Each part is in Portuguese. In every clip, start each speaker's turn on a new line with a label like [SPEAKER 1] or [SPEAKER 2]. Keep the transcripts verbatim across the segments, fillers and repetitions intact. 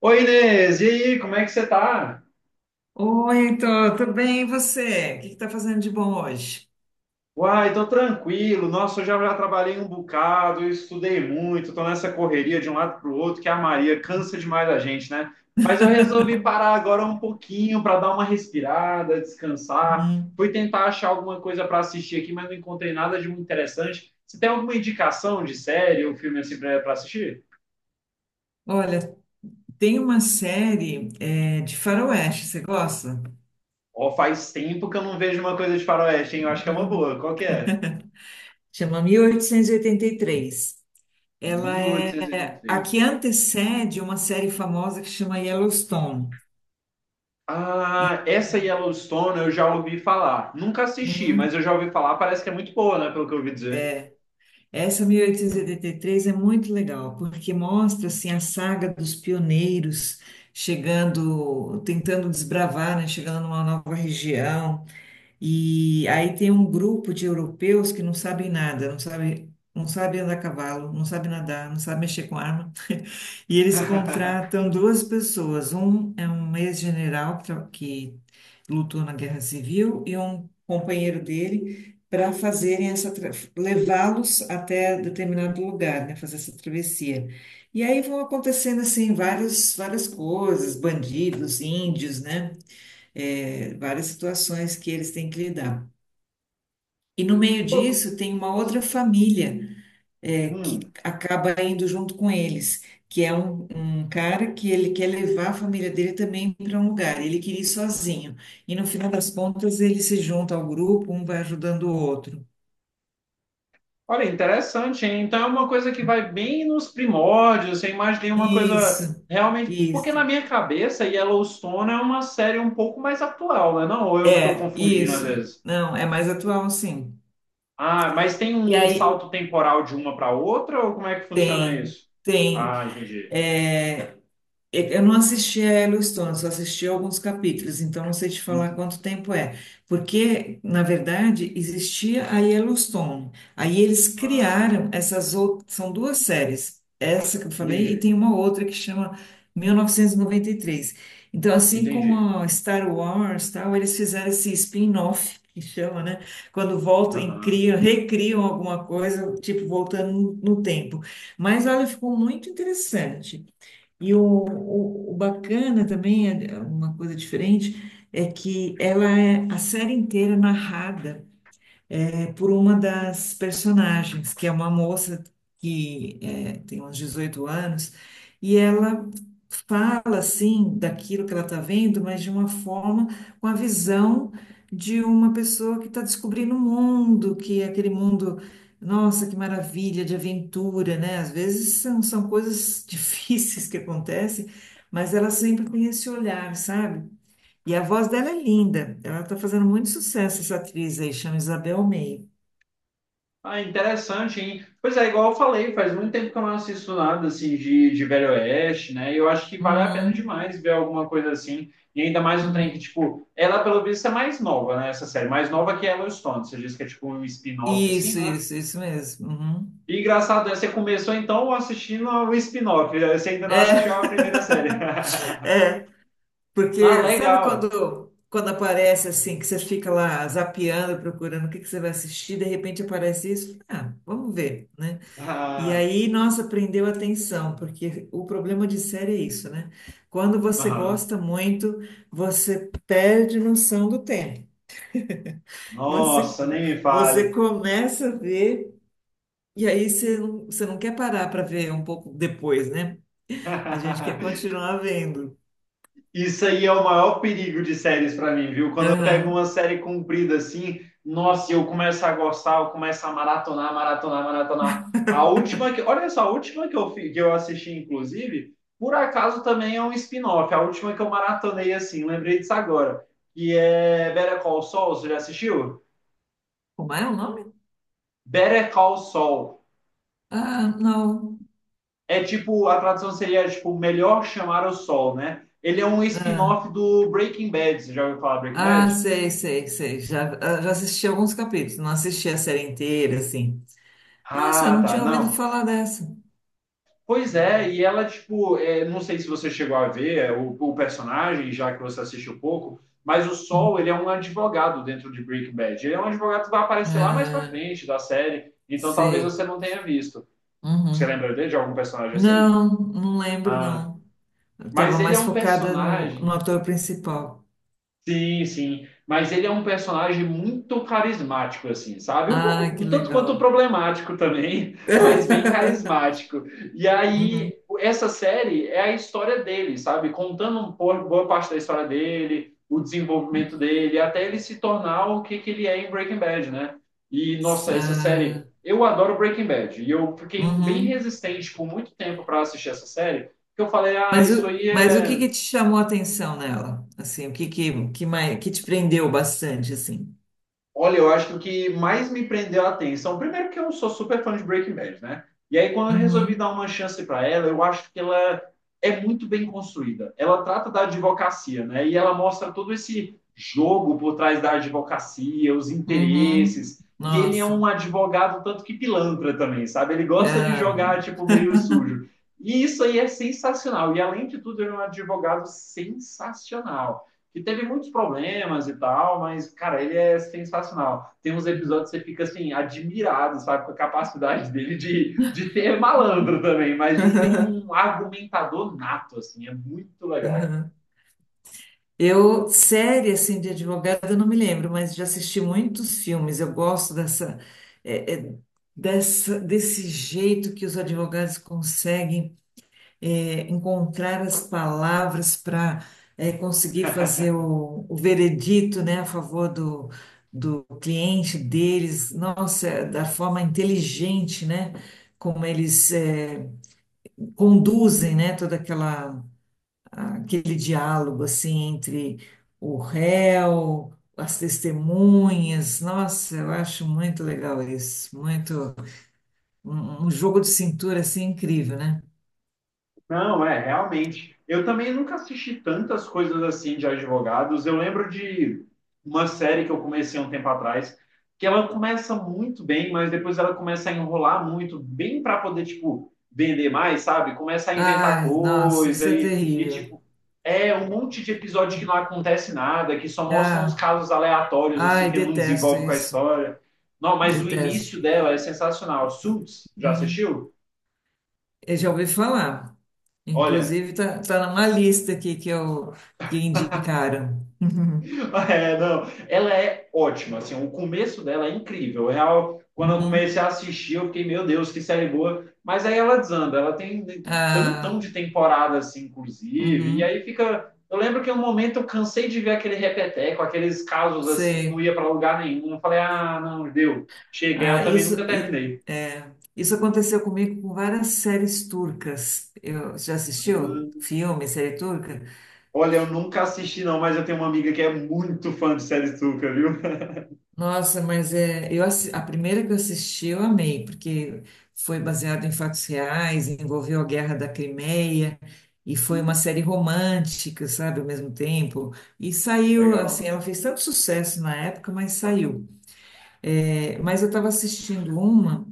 [SPEAKER 1] Oi, Inês, e aí, como é que você tá?
[SPEAKER 2] Oi, Heitor, tudo bem? E você? O que está fazendo de bom hoje?
[SPEAKER 1] Uai, tô tranquilo. Nossa, eu já, já trabalhei um bocado, eu estudei muito, tô nessa correria de um lado pro outro, que a Maria cansa demais a gente, né? Mas eu resolvi parar agora um pouquinho para dar uma respirada, descansar.
[SPEAKER 2] Uhum.
[SPEAKER 1] Fui tentar achar alguma coisa para assistir aqui, mas não encontrei nada de muito interessante. Você tem alguma indicação de série ou filme assim pra, pra assistir?
[SPEAKER 2] Olha, tem uma série eh, de faroeste, você gosta?
[SPEAKER 1] Ó, faz tempo que eu não vejo uma coisa de faroeste, hein? Eu acho que é uma
[SPEAKER 2] Uhum.
[SPEAKER 1] boa. Qual que é?
[SPEAKER 2] Chama mil oitocentos e oitenta e três. Ela
[SPEAKER 1] Mil
[SPEAKER 2] é
[SPEAKER 1] oitocentos e oitenta e
[SPEAKER 2] a que
[SPEAKER 1] três.
[SPEAKER 2] antecede uma série famosa que chama Yellowstone. E
[SPEAKER 1] Ah, essa Yellowstone eu já ouvi falar. Nunca assisti,
[SPEAKER 2] Uhum.
[SPEAKER 1] mas eu já ouvi falar. Parece que é muito boa, né? Pelo que eu ouvi dizer.
[SPEAKER 2] essa mil oitocentos e oitenta e três é muito legal, porque mostra assim, a saga dos pioneiros chegando, tentando desbravar, né? Chegando numa nova região. E aí tem um grupo de europeus que não sabem nada, não sabem, não sabem andar a cavalo, não sabem nadar, não sabem mexer com arma. E eles contratam duas pessoas. Um é um ex-general que, tra- que lutou na Guerra Civil e um companheiro dele para fazerem essa tra- levá-los até determinado lugar, né, fazer essa travessia. E aí vão acontecendo assim vários, várias coisas, bandidos, índios, né? É, várias situações que eles têm que lidar. E no meio
[SPEAKER 1] Pô,
[SPEAKER 2] disso tem uma outra família é, que
[SPEAKER 1] hum.
[SPEAKER 2] acaba indo junto com eles, que é um, um cara que ele quer levar a família dele também para um lugar. Ele queria ir sozinho. E no final das contas ele se junta ao grupo, um vai ajudando o outro.
[SPEAKER 1] Olha, interessante, hein? Então é uma coisa que vai bem nos primórdios. Eu imaginei uma coisa
[SPEAKER 2] Isso,
[SPEAKER 1] realmente. Porque
[SPEAKER 2] isso.
[SPEAKER 1] na minha cabeça, Yellowstone é uma série um pouco mais atual, né? Não, ou eu que estou
[SPEAKER 2] É,
[SPEAKER 1] confundindo às
[SPEAKER 2] isso.
[SPEAKER 1] vezes.
[SPEAKER 2] Não, é mais atual, sim.
[SPEAKER 1] Ah, mas tem
[SPEAKER 2] E
[SPEAKER 1] um
[SPEAKER 2] aí
[SPEAKER 1] salto temporal de uma para outra, ou como é que funciona
[SPEAKER 2] tem,
[SPEAKER 1] isso?
[SPEAKER 2] tem.
[SPEAKER 1] Ah, entendi.
[SPEAKER 2] É, Eu não assisti a Yellowstone, só assisti alguns capítulos, então não sei te falar
[SPEAKER 1] Ent-
[SPEAKER 2] quanto tempo é. Porque, na verdade, existia a Yellowstone. Aí eles
[SPEAKER 1] Ah,
[SPEAKER 2] criaram essas outras. São duas séries, essa que eu falei, e
[SPEAKER 1] entendi.
[SPEAKER 2] tem uma outra que chama mil novecentos e noventa e três. Então, assim como
[SPEAKER 1] Entendi.
[SPEAKER 2] a Star Wars, tal, eles fizeram esse spin-off, que chama, né? Quando voltam e
[SPEAKER 1] Aham.
[SPEAKER 2] criam, recriam alguma coisa, tipo, voltando no no tempo. Mas olha, ficou muito interessante. E o, o, o bacana também, é- é uma coisa diferente, é que ela é a série inteira narrada é por uma das personagens, que é uma moça que é, tem uns dezoito anos, e ela fala assim daquilo que ela está vendo, mas de uma forma, com a visão de uma pessoa que está descobrindo o mundo, que é aquele mundo, nossa, que maravilha, de aventura, né? Às vezes são, são coisas difíceis que acontecem, mas ela sempre tem esse olhar, sabe? E a voz dela é linda, ela está fazendo muito sucesso, essa atriz aí, chama Isabel May.
[SPEAKER 1] Ah, interessante, hein? Pois é, igual eu falei, faz muito tempo que eu não assisto nada assim de, de Velho Oeste, né? E eu acho que vale a pena
[SPEAKER 2] Uhum,
[SPEAKER 1] demais ver alguma coisa assim. E ainda mais um trem que,
[SPEAKER 2] uhum.
[SPEAKER 1] tipo, ela pelo visto é mais nova, né? Essa série, mais nova que Yellowstone. Você diz que é tipo um spin-off assim,
[SPEAKER 2] Isso,
[SPEAKER 1] né?
[SPEAKER 2] isso, isso mesmo. Uhum.
[SPEAKER 1] E engraçado, é, você começou então assistindo o spin-off, você ainda não assistiu a
[SPEAKER 2] É,
[SPEAKER 1] primeira série.
[SPEAKER 2] é,
[SPEAKER 1] Ah,
[SPEAKER 2] porque sabe
[SPEAKER 1] legal.
[SPEAKER 2] quando, quando aparece assim, que você fica lá zapeando, procurando o que que você vai assistir, de repente aparece isso? Ah, vamos ver, né? E
[SPEAKER 1] Ah,
[SPEAKER 2] aí, nossa, prendeu a atenção, porque o problema de série é isso, né? Quando você
[SPEAKER 1] aham.
[SPEAKER 2] gosta muito, você perde noção do tempo. Você,
[SPEAKER 1] Nossa, nem me
[SPEAKER 2] você
[SPEAKER 1] fale.
[SPEAKER 2] começa a ver. E aí você não, você não quer parar para ver um pouco depois, né? A gente quer continuar vendo.
[SPEAKER 1] Isso aí é o maior perigo de séries para mim, viu? Quando eu pego uma
[SPEAKER 2] Aham.
[SPEAKER 1] série comprida assim, nossa, eu começo a gostar, eu começo a maratonar, maratonar, maratonar. A última que, olha só, a última que eu, fi- que eu assisti, inclusive, por acaso também é um spin-off. A última que eu maratonei assim, lembrei disso agora, que é Better Call Saul. Você já assistiu?
[SPEAKER 2] Como é o nome?
[SPEAKER 1] Better Call Saul.
[SPEAKER 2] Ah, não.
[SPEAKER 1] É tipo, a tradução seria tipo melhor chamar o sol, né? Ele é um
[SPEAKER 2] Ah,
[SPEAKER 1] spin-off do Breaking Bad. Você já ouviu falar Breaking
[SPEAKER 2] ah,
[SPEAKER 1] Bad?
[SPEAKER 2] sei, sei, sei. Já, ah, já assisti alguns capítulos, não assisti a série inteira, assim. Nossa, eu
[SPEAKER 1] Ah,
[SPEAKER 2] não
[SPEAKER 1] tá.
[SPEAKER 2] tinha ouvido
[SPEAKER 1] Não.
[SPEAKER 2] falar dessa.
[SPEAKER 1] Pois é, e ela, tipo, é, não sei se você chegou a ver é, o, o personagem, já que você assistiu pouco, mas o Sol,
[SPEAKER 2] Uhum.
[SPEAKER 1] ele é um advogado dentro de Breaking Bad. Ele é um advogado que vai aparecer lá mais pra
[SPEAKER 2] Ah,
[SPEAKER 1] frente da série, então talvez você
[SPEAKER 2] sei.
[SPEAKER 1] não tenha visto. Você
[SPEAKER 2] Uhum.
[SPEAKER 1] lembra dele, de algum personagem assim?
[SPEAKER 2] Não, não lembro,
[SPEAKER 1] Ah,
[SPEAKER 2] não. Eu tava
[SPEAKER 1] mas ele é
[SPEAKER 2] mais
[SPEAKER 1] um
[SPEAKER 2] focada no,
[SPEAKER 1] personagem.
[SPEAKER 2] no ator principal.
[SPEAKER 1] Sim, sim. Mas ele é um personagem muito carismático, assim, sabe? Um
[SPEAKER 2] Ah,
[SPEAKER 1] pouco,
[SPEAKER 2] que
[SPEAKER 1] um tanto quanto
[SPEAKER 2] legal.
[SPEAKER 1] problemático também, mas bem carismático. E
[SPEAKER 2] Uhum.
[SPEAKER 1] aí, essa série é a história dele, sabe? Contando um po- boa parte da história dele, o desenvolvimento dele, até ele se tornar o que que ele é em Breaking Bad, né? E, nossa, essa
[SPEAKER 2] Ah,
[SPEAKER 1] série. Eu adoro Breaking Bad. E eu fiquei bem
[SPEAKER 2] Uhum.
[SPEAKER 1] resistente por muito tempo para assistir essa série, porque eu falei, ah,
[SPEAKER 2] Mas
[SPEAKER 1] isso
[SPEAKER 2] o,
[SPEAKER 1] aí
[SPEAKER 2] mas o que
[SPEAKER 1] é.
[SPEAKER 2] que te chamou a atenção nela? Assim, o que que, que, mais, que te prendeu bastante, assim?
[SPEAKER 1] Olha, eu acho que o que mais me prendeu a atenção, primeiro que eu sou super fã de Breaking Bad, né? E aí quando eu resolvi dar
[SPEAKER 2] Uhum.
[SPEAKER 1] uma chance para ela, eu acho que ela é muito bem construída. Ela trata da advocacia, né? E ela mostra todo esse jogo por trás da advocacia, os
[SPEAKER 2] Uhum.
[SPEAKER 1] interesses. E ele é um
[SPEAKER 2] Nossa.
[SPEAKER 1] advogado tanto que pilantra também, sabe? Ele gosta de
[SPEAKER 2] Ah.
[SPEAKER 1] jogar tipo meio sujo. E isso aí é sensacional. E além de tudo, ele é um advogado sensacional que teve muitos problemas e tal, mas, cara, ele é sensacional. Tem uns episódios que você fica, assim, admirado, sabe, com a capacidade dele de, de ser malandro também, mas de ser um argumentador nato, assim, é muito legal.
[SPEAKER 2] Uhum. Eu, série, assim, de advogada, eu não me lembro, mas já assisti muitos filmes. Eu gosto dessa, é, é, dessa, desse jeito que os advogados conseguem é, encontrar as palavras para conseguir fazer o, o veredito, né, a favor do, do cliente deles, nossa, da forma inteligente, né, como eles é, conduzem, né, toda aquela aquele diálogo assim entre o réu, as testemunhas, nossa, eu acho muito legal isso, muito um, um jogo de cintura assim incrível, né?
[SPEAKER 1] Não, é, realmente. Eu também nunca assisti tantas coisas assim de advogados. Eu lembro de uma série que eu comecei um tempo atrás, que ela começa muito bem, mas depois ela começa a enrolar muito, bem para poder, tipo, vender mais, sabe? Começa a inventar
[SPEAKER 2] Ai, nossa,
[SPEAKER 1] coisa
[SPEAKER 2] isso é
[SPEAKER 1] e, e,
[SPEAKER 2] terrível.
[SPEAKER 1] tipo, é um monte de episódio que não acontece nada, que só mostram uns
[SPEAKER 2] Ah,
[SPEAKER 1] casos aleatórios, assim,
[SPEAKER 2] ai,
[SPEAKER 1] que não
[SPEAKER 2] detesto
[SPEAKER 1] desenvolve com a
[SPEAKER 2] isso.
[SPEAKER 1] história. Não, mas o
[SPEAKER 2] Detesto.
[SPEAKER 1] início dela é sensacional. Suits, já
[SPEAKER 2] Uhum.
[SPEAKER 1] assistiu?
[SPEAKER 2] Eu já ouvi falar.
[SPEAKER 1] Olha,
[SPEAKER 2] Inclusive, tá, tá numa lista aqui que eu que indicaram. Uhum.
[SPEAKER 1] é, não. Ela é ótima, assim, o começo dela é incrível. É real, quando eu comecei
[SPEAKER 2] Uhum.
[SPEAKER 1] a assistir, eu fiquei, meu Deus, que série boa. Mas aí ela desanda, ela tem tantão
[SPEAKER 2] Ah,
[SPEAKER 1] de temporada, assim, inclusive, e
[SPEAKER 2] uhum.
[SPEAKER 1] aí fica. Eu lembro que em um momento eu cansei de ver aquele repeteco, aqueles casos assim que não
[SPEAKER 2] Sei.
[SPEAKER 1] ia para lugar nenhum. Eu falei, ah, não, deu. Cheguei, eu
[SPEAKER 2] Ah,
[SPEAKER 1] também nunca
[SPEAKER 2] isso, e-
[SPEAKER 1] terminei.
[SPEAKER 2] é, isso aconteceu comigo com várias séries turcas. Eu, já assistiu
[SPEAKER 1] Hum,
[SPEAKER 2] filme, série turca?
[SPEAKER 1] Olha, eu nunca assisti, não, mas eu tenho uma amiga que é muito fã de série Tuca, viu?
[SPEAKER 2] Nossa, mas é, eu, assi- a primeira que eu assisti eu amei, porque foi baseado em fatos reais, envolveu a Guerra da Crimeia, e foi uma série romântica, sabe, ao mesmo tempo. E saiu, assim,
[SPEAKER 1] Legal.
[SPEAKER 2] ela fez tanto sucesso na época, mas saiu. É, mas eu estava assistindo uma,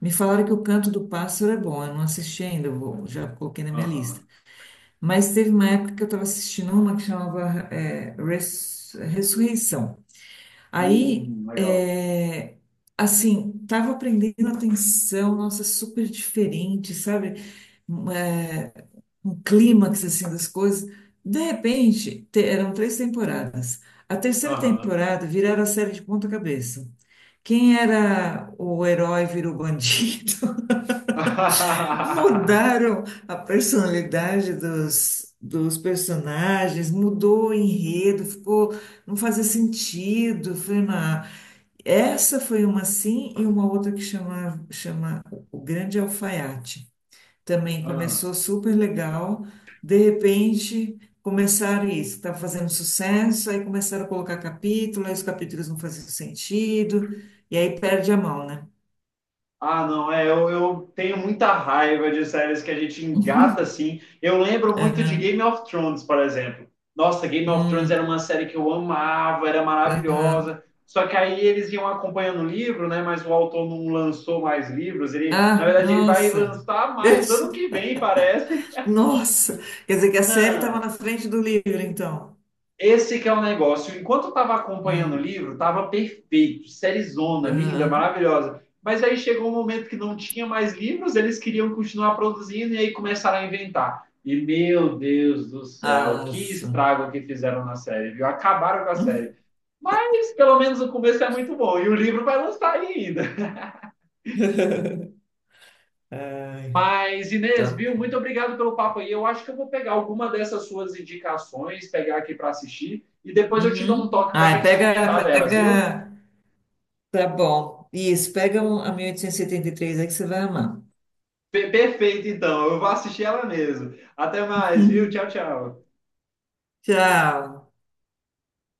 [SPEAKER 2] me falaram que o Canto do Pássaro é bom, eu não assisti ainda, eu vou- já coloquei na minha lista.
[SPEAKER 1] Aham.
[SPEAKER 2] Mas teve uma época que eu estava assistindo uma que chamava, é, Res- Ressurreição. Aí,
[SPEAKER 1] Hum, legal.
[SPEAKER 2] é, assim, tava aprendendo atenção, nossa, super diferente, sabe? Um, É, um clímax, assim, das coisas. De repente, te- eram três temporadas. A terceira
[SPEAKER 1] Aham.
[SPEAKER 2] temporada viraram a série de ponta cabeça. Quem era o herói virou bandido.
[SPEAKER 1] Ah,
[SPEAKER 2] Mudaram a personalidade dos, dos personagens, mudou o enredo, ficou, não fazia sentido. Foi essa foi uma assim e uma outra que chama, chama O Grande Alfaiate. Também começou super legal. De repente, começaram isso, estava fazendo sucesso, aí começaram a colocar capítulo, aí os capítulos não faziam sentido, e aí perde a mão, né?
[SPEAKER 1] ah, não, é, eu, eu tenho muita raiva de séries que a gente engata assim. Eu lembro muito de
[SPEAKER 2] Aham,
[SPEAKER 1] Game of Thrones, por exemplo. Nossa, Game of Thrones era
[SPEAKER 2] hum,
[SPEAKER 1] uma série que eu amava, era
[SPEAKER 2] aham.
[SPEAKER 1] maravilhosa. Só que aí eles iam acompanhando o livro, né? Mas o autor não lançou mais livros. Ele, na
[SPEAKER 2] Ah,
[SPEAKER 1] verdade, ele vai
[SPEAKER 2] nossa!
[SPEAKER 1] lançar mais ano que vem, parece.
[SPEAKER 2] Nossa! Quer dizer que a série estava
[SPEAKER 1] Não.
[SPEAKER 2] na frente do livro, então.
[SPEAKER 1] Esse que é o negócio. Enquanto eu estava acompanhando o
[SPEAKER 2] Hum,
[SPEAKER 1] livro, estava perfeito, série zona, linda,
[SPEAKER 2] aham.
[SPEAKER 1] maravilhosa. Mas aí chegou um momento que não tinha mais livros, eles queriam continuar produzindo e aí começaram a inventar. E meu Deus do céu, que
[SPEAKER 2] Nossa!
[SPEAKER 1] estrago que fizeram na série, viu? Acabaram com a série. Mas pelo menos o começo é muito bom e o livro vai lançar ainda.
[SPEAKER 2] Ai.
[SPEAKER 1] Mas Inês,
[SPEAKER 2] Tá.
[SPEAKER 1] viu? Muito obrigado pelo papo aí. Eu acho que eu vou pegar alguma dessas suas indicações, pegar aqui para assistir e depois eu te dou um
[SPEAKER 2] Uhum.
[SPEAKER 1] toque para a
[SPEAKER 2] Ah,
[SPEAKER 1] gente comentar
[SPEAKER 2] pega,
[SPEAKER 1] delas, viu?
[SPEAKER 2] pega. Tá bom. Isso, pega um- a mil oitocentos e setenta e três aí que você vai amar.
[SPEAKER 1] Pe- Perfeito, então. Eu vou assistir ela mesmo. Até mais, viu? Tchau,
[SPEAKER 2] Uhum.
[SPEAKER 1] tchau.
[SPEAKER 2] Tchau.